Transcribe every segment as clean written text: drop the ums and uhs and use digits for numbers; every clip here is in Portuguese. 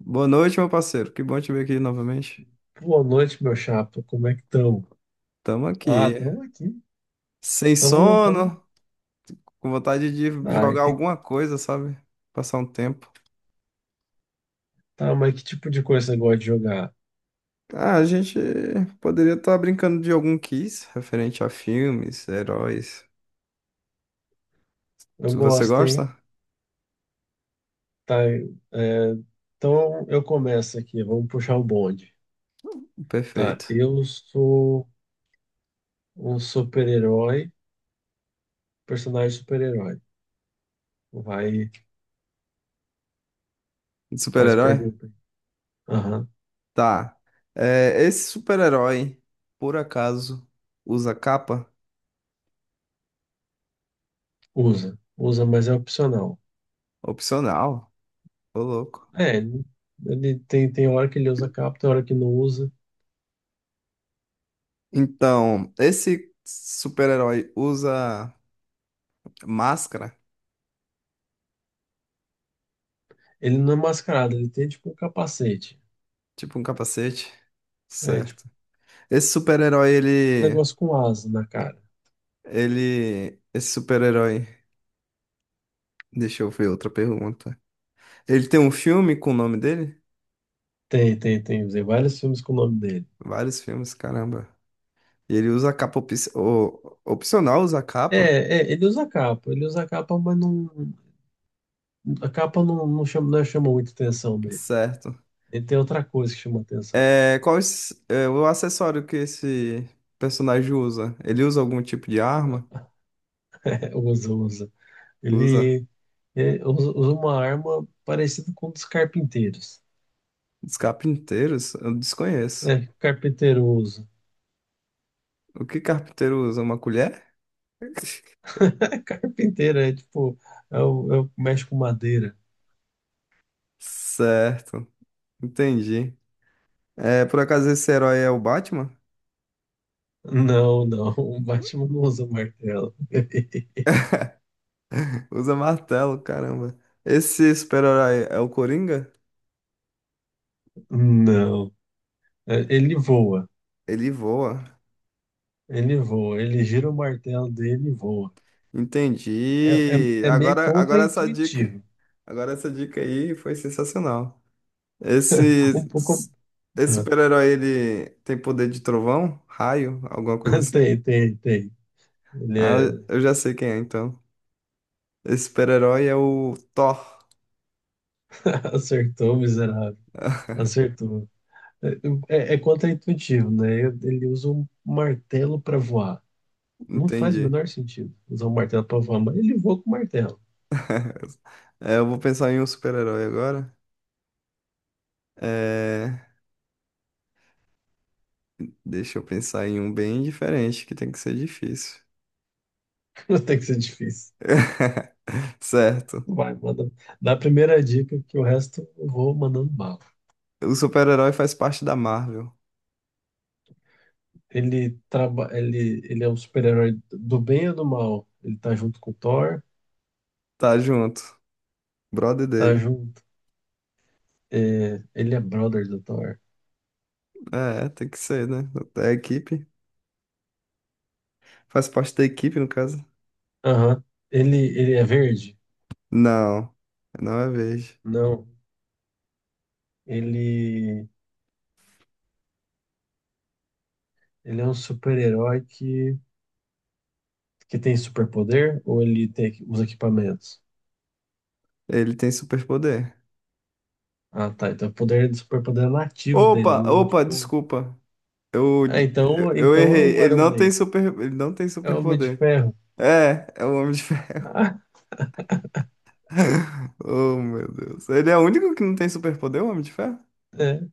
Boa noite, meu parceiro. Que bom te ver aqui novamente. Boa noite, meu chapa. Como é que estão? Tamo Ah, aqui. estamos aqui. Sem Estamos, estamos. sono, com vontade de Ah, e jogar tem... alguma coisa, sabe? Passar um tempo. tá, mas que tipo de coisa você gosta de jogar? Ah, a gente poderia estar brincando de algum quiz referente a filmes, heróis. Eu Se você gosto, hein? gosta? Tá, é, então eu começo aqui. Vamos puxar o bonde. Tá, Perfeito. eu sou um super-herói, personagem super-herói. Vai, De faz super-herói? pergunta. Aham. Tá. É, esse super-herói, por acaso, usa capa? Usa. Usa, mas é opcional. Opcional. Ô, louco. É, ele tem, tem hora que ele usa capa, tem hora que não usa. Então, esse super-herói usa máscara? Ele não é mascarado, ele tem tipo um capacete. Tipo um capacete? É, tipo, Certo. Esse super-herói, ele. negócio com asa na cara. Ele. Esse super-herói. Deixa eu ver outra pergunta. Ele tem um filme com o nome dele? Tem, tem, tem. Usei vários filmes com o nome dele. Vários filmes, caramba. E ele usa a capa op... opcional, usa a capa? Ele usa capa, mas não, a capa não, não chama, não chama muita atenção dele. Certo. Ele tem outra coisa que chama atenção. É, é, o acessório que esse personagem usa? Ele usa algum tipo de arma? É, usa, usa. Usa? Ele, é, usa, usa uma arma parecida com um dos carpinteiros. Os carpinteiros? Eu desconheço. É, que o carpinteiro usa. O que carpinteiro usa? Uma colher? É carpinteiro, é tipo, é o que mexe com madeira. Certo. Entendi. É, por acaso esse herói é o Batman? Não, não, o Batman não usa martelo. Usa martelo, caramba. Esse super-herói é o Coringa? Não, é, ele voa. Ele voa. Ele voa, ele gira o martelo dele e voa. É, é, Entendi. é meio Agora essa dica, contraintuitivo. agora essa dica aí foi sensacional. Esse, Um pouco. esse Ah, super-herói ele tem poder de trovão, raio, alguma coisa assim? tem, tem, tem. Ele Ah, é... eu já sei quem é então. Esse super-herói é o Thor. acertou, miserável. Acertou. É, é é contraintuitivo, né? Ele usa um martelo para voar. Não faz o Entendi. menor sentido usar um martelo para voar, mas ele voa com martelo. É, eu vou pensar em um super-herói agora. É. Deixa eu pensar em um bem diferente, que tem que ser difícil. Tem que ser difícil. Certo. Vai, manda. Dá a primeira dica que o resto eu vou mandando bala. O super-herói faz parte da Marvel. Ele é um super-herói do bem ou do mal? Ele tá junto com o Thor, Tá junto. Brother tá dele. junto. É, ele é brother do Thor. É, tem que ser, né? Da equipe. Faz parte da equipe, no caso. Aham. Ele é verde? Não. Não é verde. Não. Ele, ele é um super-herói que tem superpoder ou ele tem os equipamentos? Ele tem superpoder. Ah, tá. Então o poder do superpoder é nativo dele, Opa, não opa, tipo. desculpa. Ah, eu, então, eu então é errei. o Ele Iron não tem Man. super, ele não tem É o Homem de superpoder. Ferro. É, é o Homem de Ferro. Ah, Oh, meu Deus. Ele é o único que não tem superpoder, o Homem de Ferro? é.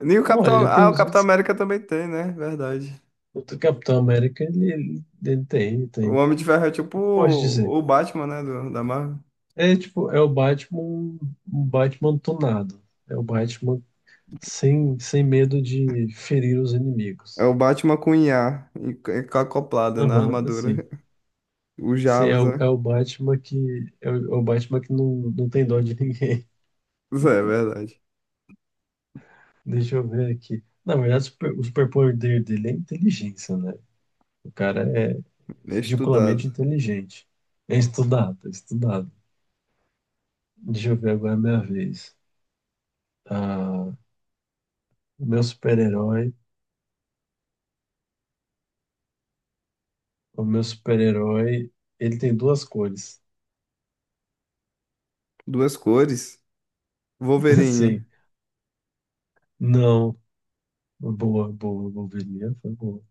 Nem o Capitão. Olha, tem Ah, o uns Capitão outros. América também tem, né? Verdade. O Capitão América, ele tem, tem. O Homem de Ferro é tipo O que eu posso dizer? o Batman, né? Do, da Marvel. É tipo, é o Batman, um Batman tunado. É o Batman sem, sem medo de ferir os É inimigos. o Batman com IA, e com acoplada na Aham, assim. armadura. O Sim, é Jarvis, o, é né? o Batman que é o, é o Batman que não, não tem dó de ninguém. Isso é verdade. Deixa eu ver aqui. Na verdade, o superpoder dele é inteligência, né? O cara é É estudado. ridiculamente inteligente. É estudado, é estudado. Deixa eu ver agora a minha vez. Ah, meu super-herói o meu super-herói, ele tem duas cores. Duas cores. Wolverine. Assim, não. Boa, boa, boberia, foi boa.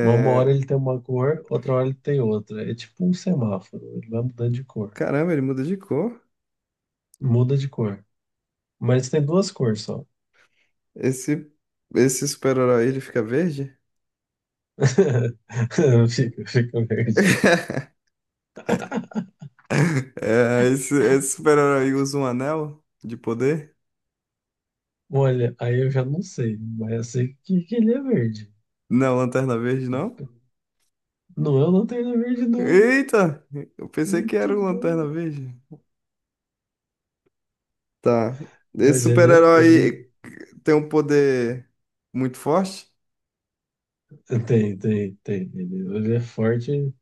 Mas uma hora ele tem uma cor, outra hora ele tem outra. É tipo um semáforo, ele vai mudando de cor. Caramba, ele muda de cor. Muda de cor. Mas tem duas cores só. Esse, esse super-herói, ele fica verde? Fica, fica verde. É, esse super-herói usa um anel de poder? Olha, aí eu já não sei, mas eu sei que ele é verde. Não, Lanterna Verde, não? Não, eu não tenho ele é verde, não. Eita! Eu pensei que era Muito o Lanterna bom. Verde. Tá. Esse Mas ele é, ele super-herói tem um poder muito forte? tem, tem, tem. Ele é forte.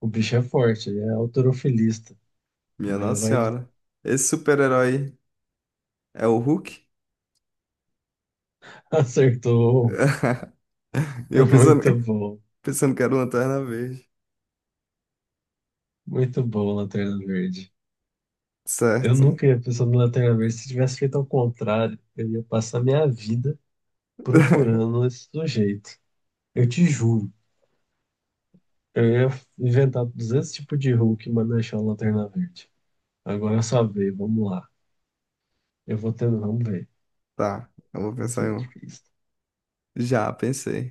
O bicho é forte, ele é halterofilista, Minha mas Nossa vai Senhora. Esse super-herói é o Hulk? acertou. E eu pensando, Muito bom, pensando que era o Lanterna Verde. muito bom, Lanterna Verde. Eu Certo. nunca ia pensar no Lanterna Verde. Se tivesse feito ao contrário, eu ia passar minha vida procurando esse sujeito. Eu te juro, eu ia inventar 200 tipos de Hulk, mas não achar o Lanterna Verde. Agora eu só veio, vamos lá. Eu vou tendo, vamos ver. Tá. Eu vou Vai pensar ser em um. difícil. Já, pensei.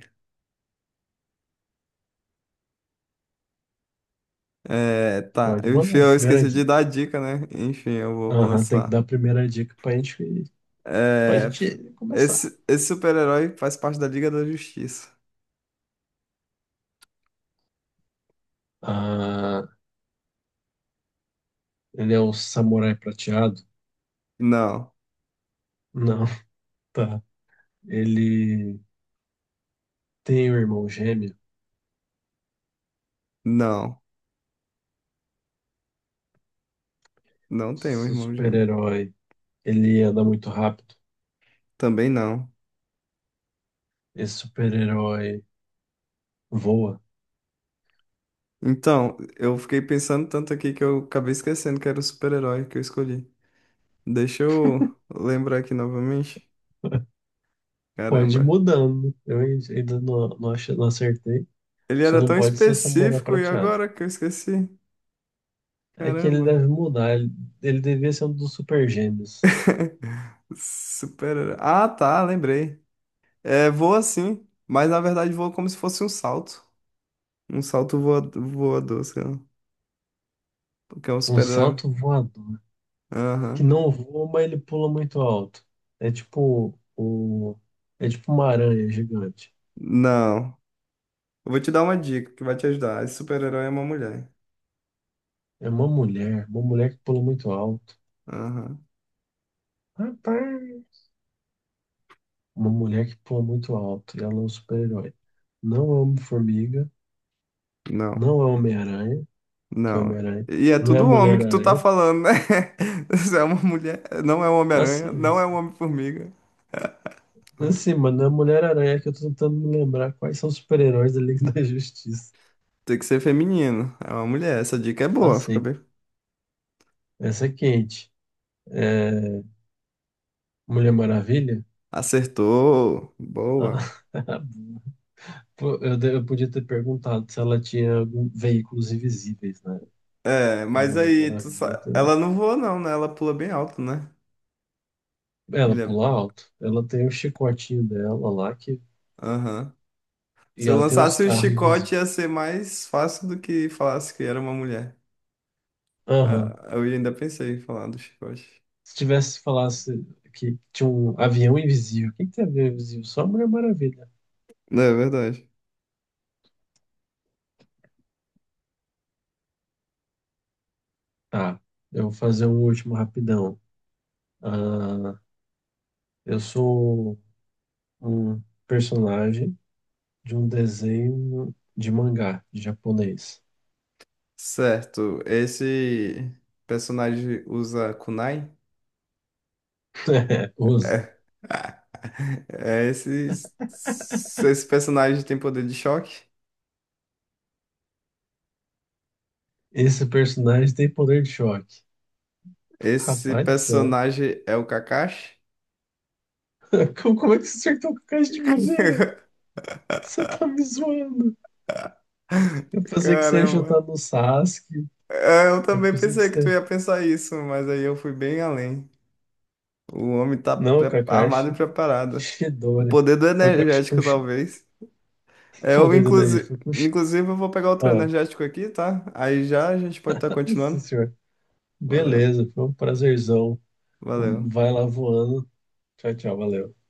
É, tá. Pode Enfim, mandar, eu primeira esqueci de dica. dar a dica, né? Enfim, eu vou Aham, tem que lançar. dar a primeira dica pra É, gente começar. esse super-herói faz parte da Liga da Justiça. Ah, ele é um samurai prateado? Não, Não, tá. Ele tem um irmão gêmeo. não. Não tenho Esse irmão gêmeo. super-herói, ele anda muito rápido. Também não. Esse super-herói voa. Então, eu fiquei pensando tanto aqui que eu acabei esquecendo que era o super-herói que eu escolhi. Deixa eu lembrar aqui novamente. Pode ir Caramba. mudando. Eu ainda não, não, achei- não acertei. Ele Só era não tão pode ser o samurai específico e prateado. agora que eu esqueci. É que ele Caramba. deve mudar. Ele devia ser um dos super gêmeos. Super-herói. Ah, tá, lembrei. É, voa sim, mas na verdade voa como se fosse um salto. Um salto voador, sei lá. Porque é um Um super-herói. salto voador. Que Aham. não voa, mas ele pula muito alto. É tipo o. É tipo uma aranha gigante. Não. Eu vou te dar uma dica que vai te ajudar. Esse super-herói é uma mulher. É uma mulher que pula muito alto. Aham. Rapaz! Uma mulher que pula muito alto e ela é um super-herói. Não é Homem-Formiga, Não, não é Homem-Aranha, que é não. Homem-Aranha, E é não é tudo homem que tu tá Mulher-Aranha. falando, né? Você é uma mulher, não é um Homem-Aranha, Assim, não é um sim. Homem-Formiga. Assim, mas não é Mulher-Aranha que eu tô tentando me lembrar quais são os super-heróis da Liga da Justiça. Tem que ser feminino, é uma mulher. Essa dica é boa, fica Assim, bem. essa é quente. É Mulher Maravilha? Acertou, Ah, boa. pô, eu podia ter perguntado se ela tinha algum, veículos invisíveis, né? É, Que a mas Mulher aí, Maravilha tem. ela não voa não, né? Ela pula bem alto, né? Ela Mulher, pula alto. Ela tem o chicotinho dela lá que... aham. Se e eu ela tem uns lançasse o carros chicote, invisíveis. ia ser mais fácil do que falasse que era uma mulher. Aham. Ah, eu ainda pensei em falar do chicote. Se tivesse falasse que tinha um avião invisível, o que que tem avião invisível? Só a Mulher Maravilha. Não, é verdade. Tá, eu vou fazer um último rapidão. Ah, eu sou um personagem de um desenho de mangá de japonês. Certo, esse personagem usa kunai? É, usa. É. É, esse personagem tem poder de choque? Esse personagem tem poder de choque. Esse Rapaz do céu. personagem é o Kakashi? Como é que você acertou com a caixa de primeira? Você tá me zoando. Eu pensei que você ia chutar Caramba, no Sasuke. é, eu Eu também pensei que pensei que tu você. ia pensar isso, mas aí eu fui bem além. O homem tá Não, armado e Kakashi. preparado. O Shidori. poder do Foi com a. Com o energético, Shi- talvez. É, Eu, poder do energia. inclusive, Foi com o. Shi- inclusive, eu vou pegar outro Ah, energético aqui, tá? Aí já a gente pode estar sim, continuando. senhor. Valeu, Beleza. Foi um prazerzão. valeu. Vai lá voando. Tchau, tchau. Valeu.